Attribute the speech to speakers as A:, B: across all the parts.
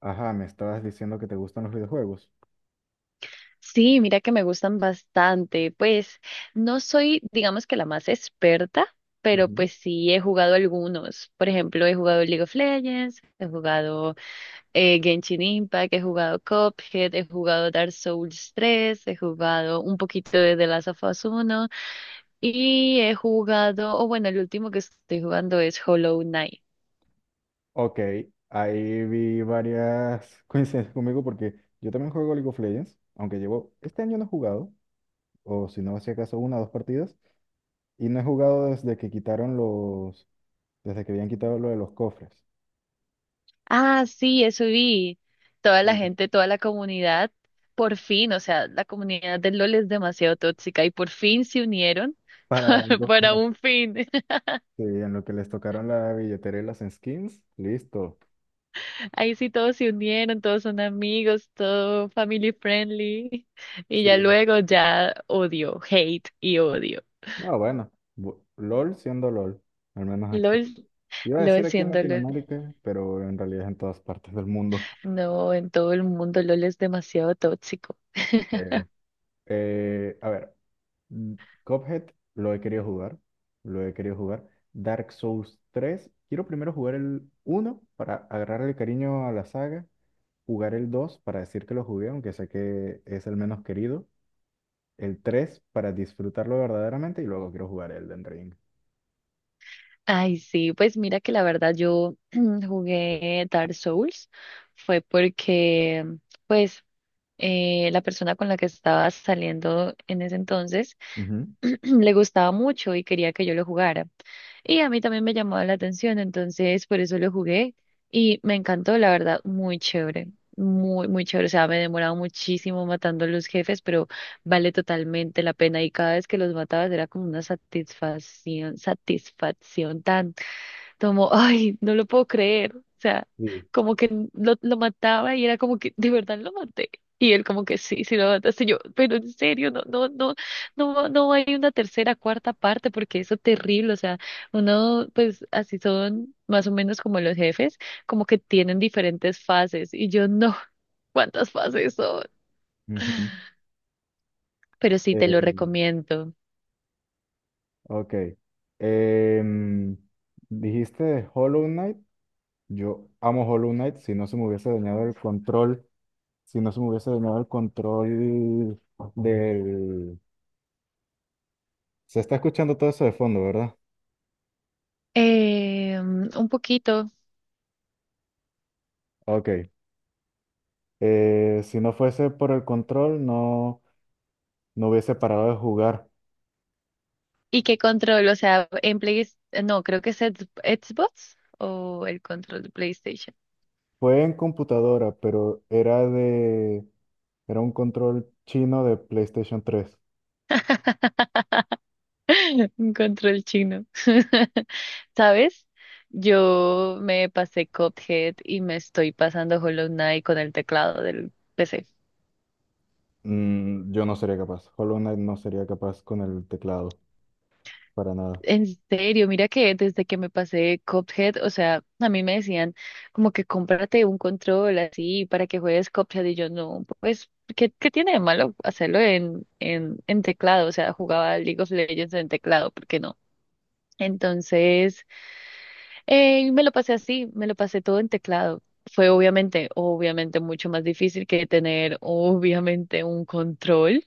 A: Ajá, me estabas diciendo que te gustan los videojuegos.
B: Sí, mira que me gustan bastante. Pues no soy, digamos que la más experta, pero
A: Ujú.
B: pues sí he jugado algunos. Por ejemplo, he jugado League of Legends, he jugado Genshin Impact, he jugado Cuphead, he jugado Dark Souls 3, he jugado un poquito de The Last of Us uno y he jugado, o bueno, el último que estoy jugando es Hollow Knight.
A: Ok, ahí vi varias coincidencias conmigo porque yo también juego League of Legends, aunque llevo, este año no he jugado, o si no, si acaso una o dos partidas, y no he jugado desde que quitaron los, desde que habían quitado lo de los cofres.
B: Ah, sí, eso vi. Toda la
A: Sí.
B: gente, toda la comunidad, por fin, o sea, la comunidad del LOL es demasiado tóxica y por fin se unieron
A: Para algo que
B: para
A: no-
B: un fin.
A: sí, en lo que les tocaron la billetera y las skins, listo.
B: Ahí sí todos se unieron, todos son amigos, todo family friendly y
A: Sí.
B: ya luego ya odio, hate y odio.
A: No, bueno, bu- LOL siendo LOL, al menos aquí.
B: LOL,
A: Iba a decir
B: LOL
A: aquí en
B: siendo LOL.
A: Latinoamérica, pero en realidad es en todas partes del mundo.
B: No, en todo el mundo LOL es demasiado tóxico.
A: Eh, a ver, mm, Cuphead lo he querido jugar, lo he querido jugar. Dark Souls 3, quiero primero jugar el uno para agarrarle cariño a la saga, jugar el 2 para decir que lo jugué, aunque sé que es el menos querido, el 3 para disfrutarlo verdaderamente y luego quiero jugar Elden Ring.
B: Ay, sí, pues mira que la verdad yo jugué Dark Souls fue porque, pues, la persona con la que estaba saliendo en ese entonces
A: Ujú.
B: le gustaba mucho y quería que yo lo jugara. Y a mí también me llamaba la atención, entonces por eso lo jugué y me encantó, la verdad, muy chévere, muy, muy chévere. O sea, me demoraba muchísimo matando los jefes, pero vale totalmente la pena y cada vez que los matabas era como una satisfacción, satisfacción tan como, ay, no lo puedo creer. O sea,
A: Sí.
B: como que lo mataba y era como que, de verdad lo maté. Y él como que sí, sí lo mataste. Y yo, pero en serio, no, no, no, no, no hay una tercera, cuarta parte porque eso es terrible. O sea, uno, pues así son más o menos como los jefes, como que tienen diferentes fases. Y yo no, ¿cuántas fases son?
A: Ujú.
B: Pero sí te
A: Eh,
B: lo recomiendo.
A: Ok. Em, dijiste de Hollow Knight. Yo amo Hollow Knight. Si no se me hubiese dañado el control, si no se me hubiese dañado el control del... Se está escuchando todo eso de fondo, ¿verdad?
B: Un poquito.
A: Ok. Si no fuese por el control, no, no hubiese parado de jugar.
B: ¿Y qué control? O sea, en Play... No, creo que es Xbox o el control de PlayStation.
A: Fue en computadora, pero era de... Era un control chino de PlayStation 3.
B: Un control chino. ¿Sabes? Yo me pasé Cuphead y me estoy pasando Hollow Knight con el teclado del PC.
A: Mm, yo no sería capaz. Hollow Knight no sería capaz con el teclado, para nada.
B: En serio, mira que desde que me pasé de Cuphead, o sea, a mí me decían como que cómprate un control así para que juegues Cuphead y yo no, pues, ¿qué tiene de malo hacerlo en, en teclado? O sea, jugaba League of Legends en teclado, ¿por qué no? Entonces, me lo pasé así, me lo pasé todo en teclado. Fue obviamente, obviamente mucho más difícil que tener obviamente un control.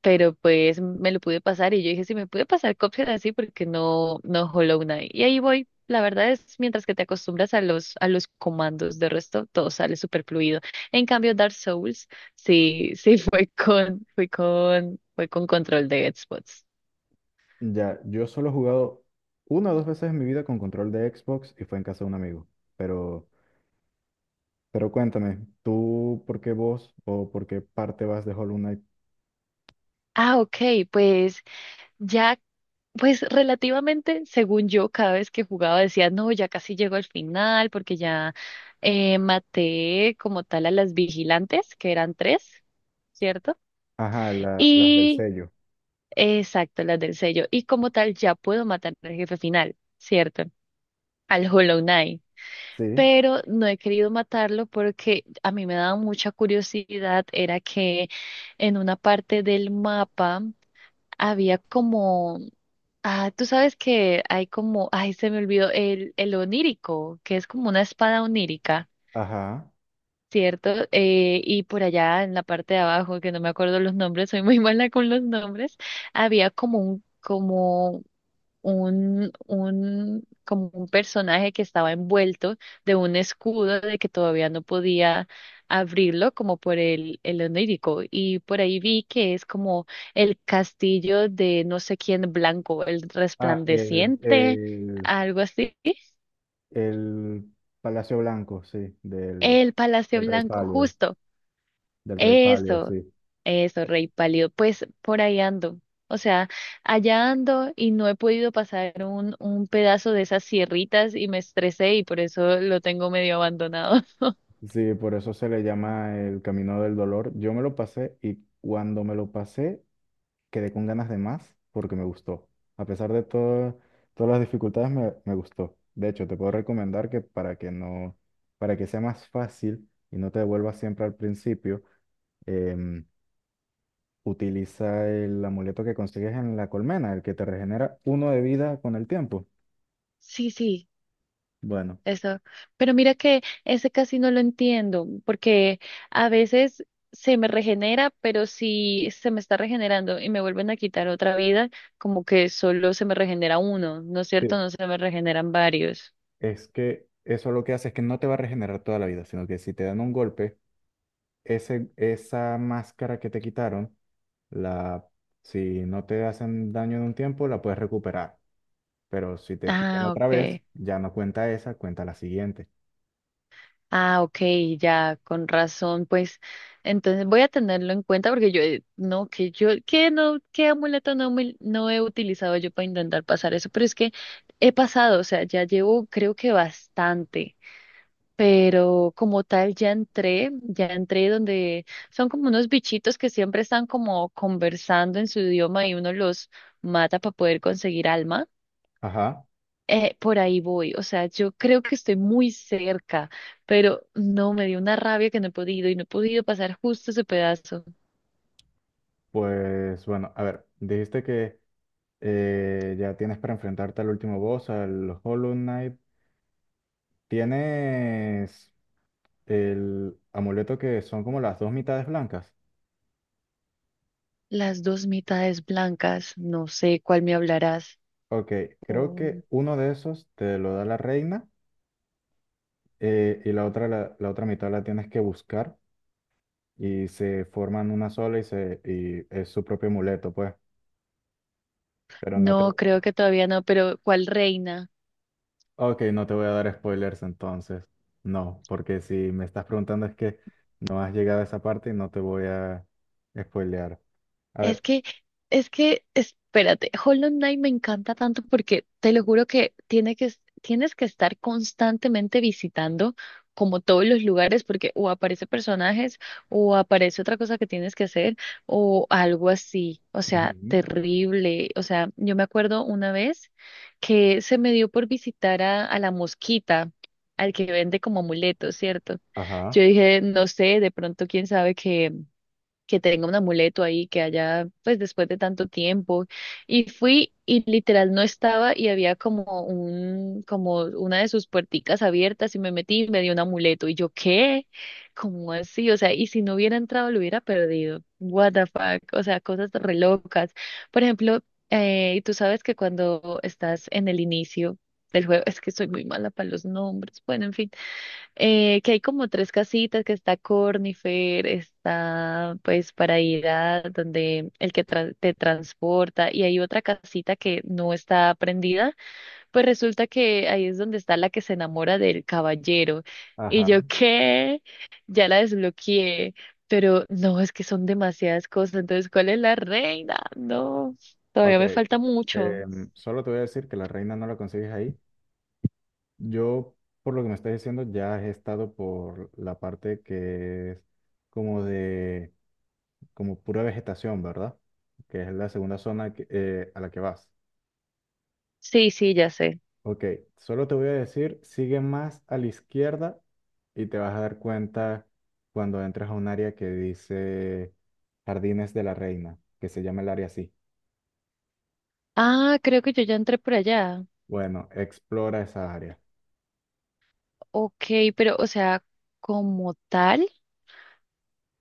B: Pero pues me lo pude pasar y yo dije, si me pude pasar Cuphead así, porque no, no Hollow Knight. Y ahí voy. La verdad es, mientras que te acostumbras a los, comandos, de resto todo sale súper fluido. En cambio, Dark Souls, sí, sí fue con, control de spots.
A: Ya, yo solo he jugado una o dos veces en mi vida con control de Xbox y fue en casa de un amigo. Pero, pero cuéntame, ¿tú por qué vos o por qué parte vas de Hollow Knight?
B: Ah, ok, pues ya, pues relativamente, según yo, cada vez que jugaba decía, no, ya casi llego al final, porque ya maté como tal a las vigilantes, que eran tres, ¿cierto?
A: Ajá, la- las del
B: Y
A: sello.
B: exacto, las del sello. Y como tal, ya puedo matar al jefe final, ¿cierto? Al Hollow Knight.
A: Sí,
B: Pero no he querido matarlo porque a mí me daba mucha curiosidad. Era que en una parte del mapa había como. Ah, tú sabes que hay como. Ay, se me olvidó. El onírico, que es como una espada onírica.
A: ajá.
B: Cierto, y por allá en la parte de abajo, que no me acuerdo los nombres, soy muy mala con los nombres, había como un, como un personaje que estaba envuelto de un escudo de que todavía no podía abrirlo, como por el onírico. Y por ahí vi que es como el castillo de no sé quién blanco, el
A: Ah, el,
B: resplandeciente,
A: el,
B: algo así.
A: el Palacio Blanco, sí,
B: El Palacio
A: del Rey
B: Blanco,
A: Pálido,
B: justo.
A: del Rey Pálido,
B: Eso,
A: sí.
B: eso, Rey Pálido. Pues por ahí ando. O sea, allá ando y no he podido pasar un pedazo de esas sierritas y me estresé y por eso lo tengo medio abandonado.
A: Sí, por eso se le llama el Camino del Dolor. Yo me lo pasé y cuando me lo pasé quedé con ganas de más porque me gustó. A pesar de todo, todas las dificultades, me gustó. De hecho, te puedo recomendar que para que no, para que sea más fácil y no te devuelvas siempre al principio, em, utiliza el amuleto que consigues en la colmena, el que te regenera uno de vida con el tiempo.
B: Sí, sí,
A: Bueno,
B: eso. Pero mira que ese casi no lo entiendo porque a veces se me regenera, pero si se me está regenerando y me vuelven a quitar otra vida, como que solo se me regenera uno, ¿no es
A: sí,
B: cierto? No se me regeneran varios.
A: es que eso lo que hace es que no te va a regenerar toda la vida, sino que si te dan un golpe, esa máscara que te quitaron, la, si no te hacen daño en un tiempo, la puedes recuperar. Pero si te quitan
B: Ah,
A: otra vez,
B: ok.
A: ya no cuenta esa, cuenta la siguiente.
B: Ah, ok, ya, con razón, pues entonces voy a tenerlo en cuenta porque yo, no, que yo, que no, qué amuleto no, no he utilizado yo para intentar pasar eso, pero es que he pasado, o sea, ya llevo creo que bastante, pero como tal ya entré, donde son como unos bichitos que siempre están como conversando en su idioma y uno los mata para poder conseguir alma.
A: Ajá,
B: Por ahí voy, o sea, yo creo que estoy muy cerca, pero no, me dio una rabia que no he podido y no he podido pasar justo ese pedazo.
A: pues bueno, a ver, dijiste que ya tienes para enfrentarte al último boss, al Hollow Knight. Tienes el amuleto que son como las dos mitades blancas.
B: Las dos mitades blancas, no sé cuál me hablarás.
A: Ok, creo
B: Mm,
A: que uno de esos te lo da la reina y la otra, la otra mitad la tienes que buscar. Y se forman una sola y, se, y es su propio amuleto, pues. Pero no te...
B: No, creo que todavía no, pero ¿cuál reina?
A: Ok, no te voy a dar spoilers entonces. No, porque si me estás preguntando es que no has llegado a esa parte y no te voy a spoilear. A
B: Es
A: ver.
B: que, es que, espérate, Hollow Knight me encanta tanto porque te lo juro que, tienes que estar constantemente visitando como todos los lugares porque o aparece personajes o aparece otra cosa que tienes que hacer o algo así. O sea,
A: Ujú.
B: terrible. O sea, yo me acuerdo una vez que se me dio por visitar a, la mosquita, al que vende como amuletos, ¿cierto? Yo
A: Ajá,
B: dije, no sé, de pronto quién sabe que tenga un amuleto ahí, que haya, pues después de tanto tiempo. Y fui y literal no estaba y había como un, como una de sus puerticas abiertas y me metí y me dio un amuleto. Y yo, ¿qué? ¿Cómo así? O sea, y si no hubiera entrado lo hubiera perdido. What the fuck? O sea, cosas re locas. Por ejemplo, tú sabes que cuando estás en el inicio del juego, es que soy muy mala para los nombres. Bueno, en fin que hay como tres casitas, que está Cornifer, está pues para ir a donde el que te transporta y hay otra casita que no está prendida, pues resulta que ahí es donde está la que se enamora del caballero. Y
A: ajá.
B: yo qué, ya la desbloqueé, pero no, es que son demasiadas cosas, entonces ¿cuál es la reina? No, todavía
A: Ok.
B: me falta mucho.
A: Solo te voy a decir que la reina no la consigues ahí. Yo, por lo que me estás diciendo, ya he estado por la parte que es como de como pura vegetación, ¿verdad? Que es la segunda zona que- a la que vas.
B: Sí, sí, ya sé.
A: Ok, solo te voy a decir, sigue más a la izquierda y te vas a dar cuenta cuando entras a un área que dice Jardines de la Reina, que se llama el área así.
B: Ah, creo que yo ya entré por allá.
A: Bueno, explora esa área.
B: Ok, pero o sea, como tal,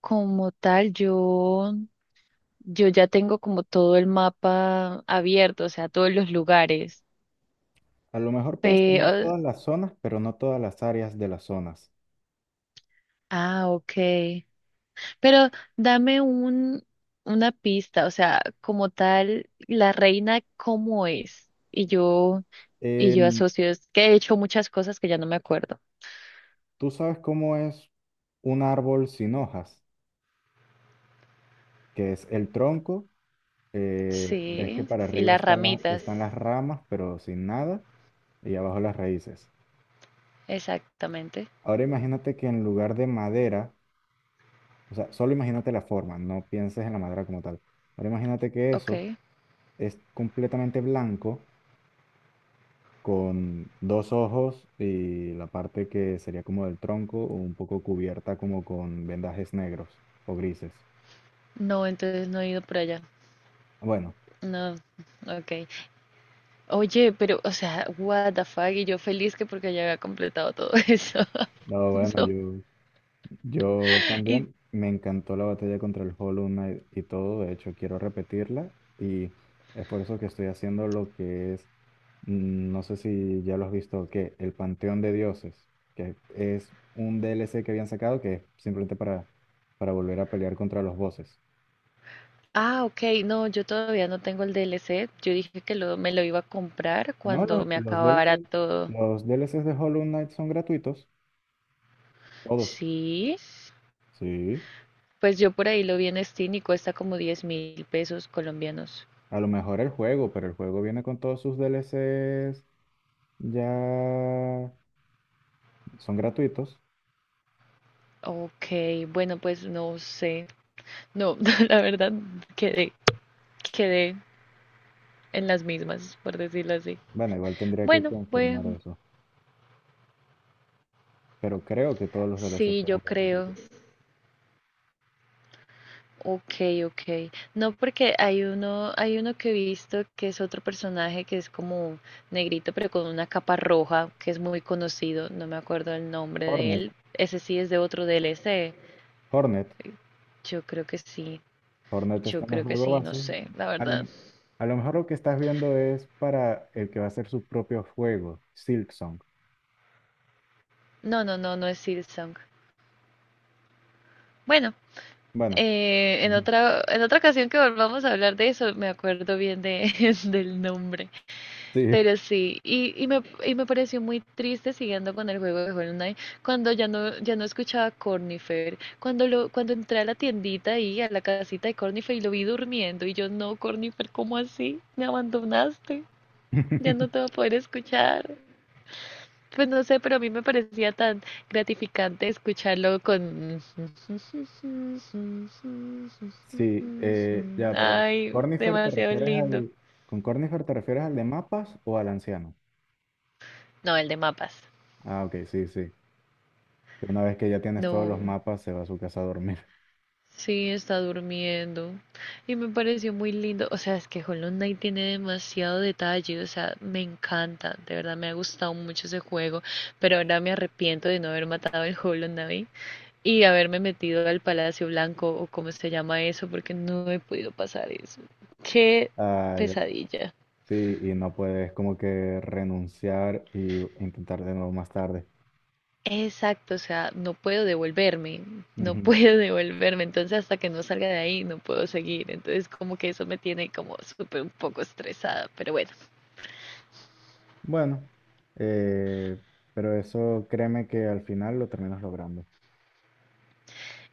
B: como tal, yo, yo ya tengo como todo el mapa abierto, o sea, todos los lugares.
A: A lo mejor puedes tomar
B: Pero,
A: todas las zonas, pero no todas las áreas de las zonas.
B: ah, ok. Pero dame una pista, o sea, como tal, la reina, ¿cómo es? Y yo
A: Em,
B: asocio, es que he hecho muchas cosas que ya no me acuerdo.
A: ¿Tú sabes cómo es un árbol sin hojas? Que es el tronco, ves que
B: Sí,
A: para
B: y
A: arriba
B: las ramitas,
A: están las ramas, pero sin nada, y abajo las raíces.
B: exactamente.
A: Ahora imagínate que en lugar de madera, o sea, solo imagínate la forma, no pienses en la madera como tal. Ahora imagínate que
B: Ok.
A: eso es completamente blanco, con dos ojos y la parte que sería como del tronco, o un poco cubierta como con vendajes negros o grises.
B: No, entonces no he ido por allá.
A: Bueno,
B: No, ok. Oye, pero, o sea, what the fuck, y yo feliz que porque ya había completado todo eso.
A: no, bueno,
B: No.
A: yo... Yo
B: Y,
A: también me encantó la batalla contra el Hollow Knight y todo, de hecho quiero repetirla y es por eso que estoy haciendo lo que es, no sé si ya lo has visto, que el Panteón de Dioses, que es un DLC que habían sacado que es simplemente para volver a pelear contra los bosses.
B: ah, ok, no, yo todavía no tengo el DLC. Yo dije que lo, me lo iba a comprar
A: No, lo-
B: cuando me
A: los
B: acabara
A: DLC,
B: todo.
A: los DLCs de Hollow Knight son gratuitos, todos.
B: Sí,
A: Sí,
B: pues yo por ahí lo vi en Steam y cuesta como 10.000 pesos colombianos.
A: a lo mejor el juego, pero el juego viene con todos sus DLCs ya son gratuitos.
B: Ok, bueno, pues no sé. No, la verdad, quedé, quedé en las mismas, por decirlo así.
A: Bueno, igual tendría que
B: Bueno,
A: confirmar
B: bueno,
A: eso. Pero creo que todos los DLC
B: sí, yo
A: fueron
B: creo.
A: gratuitos.
B: Ok, ok. No, porque hay uno que he visto que es otro personaje que es como negrito, pero con una capa roja, que es muy conocido. No me acuerdo el nombre de
A: Hornet,
B: él. Ese sí es de otro DLC.
A: Hornet,
B: Yo creo que sí.
A: Hornet está
B: Yo
A: en el
B: creo que
A: juego
B: sí, no
A: base.
B: sé, la
A: A lo,
B: verdad.
A: a lo mejor lo que estás viendo es para el que va a hacer su propio juego, Silksong.
B: No, no, no, no es Silksong. Bueno,
A: Bueno,
B: en
A: ujú,
B: otra, ocasión que volvamos a hablar de eso, me acuerdo bien de, del nombre.
A: sí,
B: Pero sí, y me pareció muy triste siguiendo con el juego de Hollow Knight, cuando ya no, escuchaba a Cornifer, cuando cuando entré a la tiendita ahí, a la casita de Cornifer y lo vi durmiendo, y yo no, Cornifer, ¿cómo así? Me abandonaste, ya no te voy a poder escuchar. Pues no sé, pero a mí me parecía tan gratificante escucharlo con...
A: sí, ya, pero con
B: Ay,
A: Cornifer te
B: demasiado
A: refieres
B: lindo.
A: al, ¿con Cornifer te refieres al de mapas o al anciano?
B: No, el de mapas.
A: Ah, ok, sí, sí. Que una vez que ya tienes todos los
B: No,
A: mapas, se va a su casa a dormir.
B: sí, está durmiendo. Y me pareció muy lindo. O sea, es que Hollow Knight tiene demasiado detalle. O sea, me encanta. De verdad me ha gustado mucho ese juego. Pero ahora me arrepiento de no haber matado el Hollow Knight y haberme metido al Palacio Blanco o como se llama eso, porque no he podido pasar eso. Qué
A: Ah,
B: pesadilla.
A: sí, y no puedes como que renunciar y intentar de nuevo más tarde.
B: Exacto, o sea, no puedo devolverme, no
A: Ujú.
B: puedo devolverme, entonces hasta que no salga de ahí no puedo seguir, entonces como que eso me tiene como súper un poco estresada, pero bueno.
A: Bueno, eh, pero eso créeme que al final lo terminas logrando.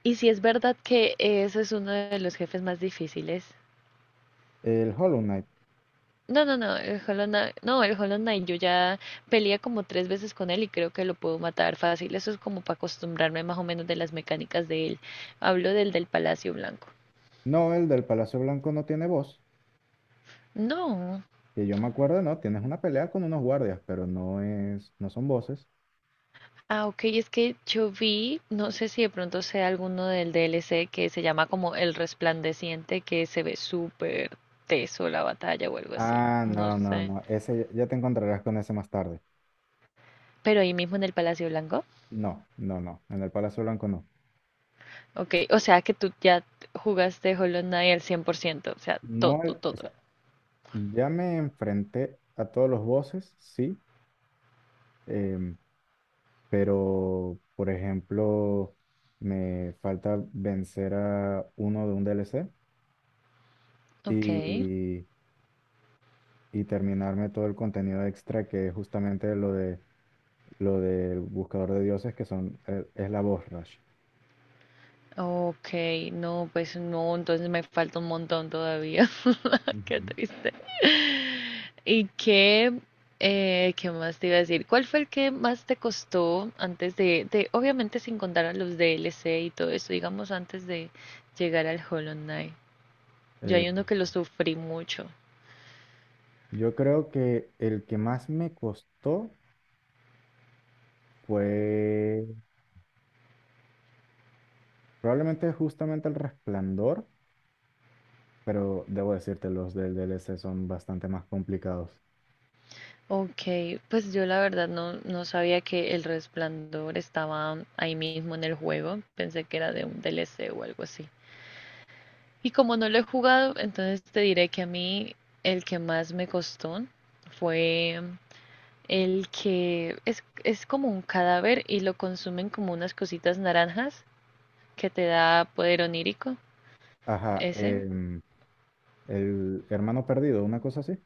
B: Y si es verdad que eso es uno de los jefes más difíciles.
A: El Hollow Knight,
B: No, no, no, el Hollow Knight, no, el Hollow Knight, yo ya peleé como tres veces con él y creo que lo puedo matar fácil, eso es como para acostumbrarme más o menos de las mecánicas de él. Hablo del Palacio Blanco.
A: no, el del Palacio Blanco no tiene voz.
B: No.
A: Que yo me acuerdo, no, tienes una pelea con unos guardias, pero no es, no son voces.
B: Ah, ok, es que yo vi, no sé si de pronto sea alguno del DLC que se llama como El Resplandeciente, que se ve súper teso la batalla o algo así,
A: Ah,
B: no
A: no, no,
B: sé.
A: no, ese ya te encontrarás con ese más tarde.
B: Pero ahí mismo en el Palacio Blanco.
A: No, no, no, en el Palacio Blanco no.
B: Ok, o sea que tú ya jugaste Hollow Knight al 100%, o sea, todo,
A: No, el- o
B: todo.
A: sea, ya me enfrenté a todos los bosses, sí. em, pero por ejemplo, me falta vencer a uno de un DLC
B: Ok.
A: y, y terminarme todo el contenido extra que es justamente lo de lo del buscador de dioses que son, es la voz rush.
B: Ok, no, pues no, entonces me falta un montón todavía. Qué
A: Ujú.
B: triste. ¿Y qué, Qué más te iba a decir? ¿Cuál fue el que más te costó antes de, obviamente sin contar a los DLC y todo eso, digamos antes de llegar al Hollow Knight? Yo
A: Eh,
B: hay uno que lo sufrí mucho.
A: yo creo que el que más me costó fue probablemente justamente el Resplandor, pero debo decirte, los del DLC son bastante más complicados.
B: Ok, pues yo la verdad no, no sabía que el Resplandor estaba ahí mismo en el juego. Pensé que era de un DLC o algo así. Y como no lo he jugado, entonces te diré que a mí el que más me costó fue el que es como un cadáver y lo consumen como unas cositas naranjas que te da poder onírico.
A: Ajá,
B: Ese,
A: el hermano perdido, una cosa así.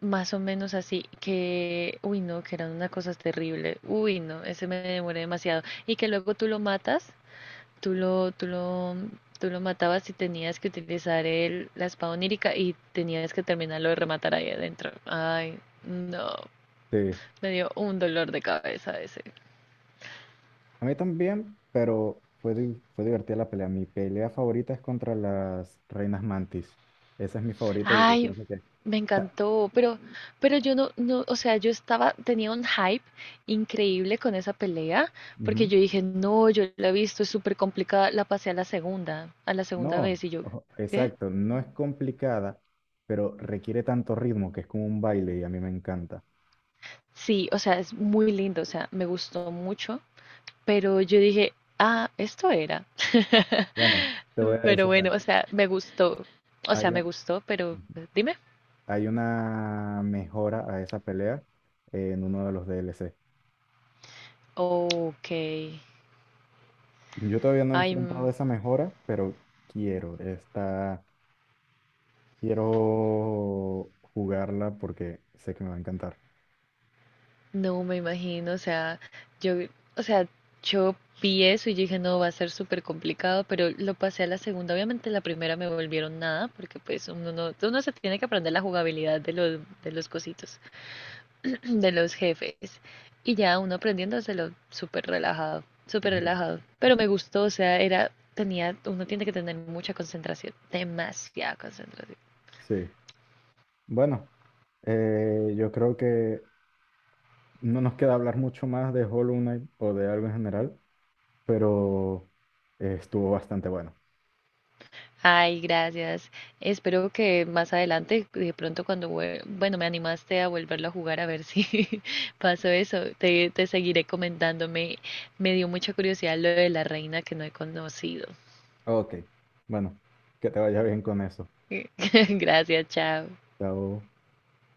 B: más o menos así, que, uy, no, que eran una cosa terrible. Uy, no, ese me demoré demasiado. Y que luego tú lo matas. Tú lo, tú lo, Tú lo matabas y tenías que utilizar la espada onírica y tenías que terminarlo de rematar ahí adentro. Ay, no.
A: Sí.
B: Me dio un dolor de cabeza ese.
A: A mí también, pero fue, di- fue divertida la pelea. Mi pelea favorita es contra las reinas mantis. Esa es mi favorita y yo
B: Ay,
A: pienso que... o
B: me
A: sea,
B: encantó, pero yo no, no, o sea, yo estaba, tenía un hype increíble con esa pelea, porque
A: ujú.
B: yo dije, no, yo la he visto, es súper complicada, la pasé a la segunda
A: No,
B: vez, y yo,
A: ojo,
B: ¿qué?
A: exacto. No es complicada, pero requiere tanto ritmo que es como un baile y a mí me encanta.
B: Sí, o sea, es muy lindo, o sea, me gustó mucho. Pero yo dije, ah, esto era.
A: Bueno, te voy a
B: Pero
A: decir
B: bueno,
A: algo.
B: o sea, me gustó. O sea,
A: Hay,
B: me
A: un-
B: gustó, pero dime.
A: hay una mejora a esa pelea en uno de los DLC.
B: Ok.
A: Yo todavía no he
B: Ay,
A: enfrentado esa mejora, pero quiero. Está Quiero jugarla porque sé que me va a encantar.
B: no me imagino. Yo, o sea, yo vi eso y yo dije, no, va a ser súper complicado, pero lo pasé a la segunda. Obviamente la primera me volvieron nada, porque pues uno no, uno se tiene que aprender la jugabilidad de los, cositos de los jefes. Y ya uno aprendiéndoselo súper relajado, súper
A: Ujú.
B: relajado. Pero me gustó, o sea, era, tenía, uno tiene que tener mucha concentración, demasiada concentración.
A: Sí. Bueno, yo creo que no nos queda hablar mucho más de Hollow Knight o de algo en general, pero estuvo bastante bueno.
B: Ay, gracias. Espero que más adelante, de pronto cuando, bueno, me animaste a volverlo a jugar a ver si pasó eso. Te seguiré comentando. Me dio mucha curiosidad lo de la reina que no he conocido.
A: Ok. Bueno, que te vaya bien con eso.
B: Gracias, chao.
A: Chao.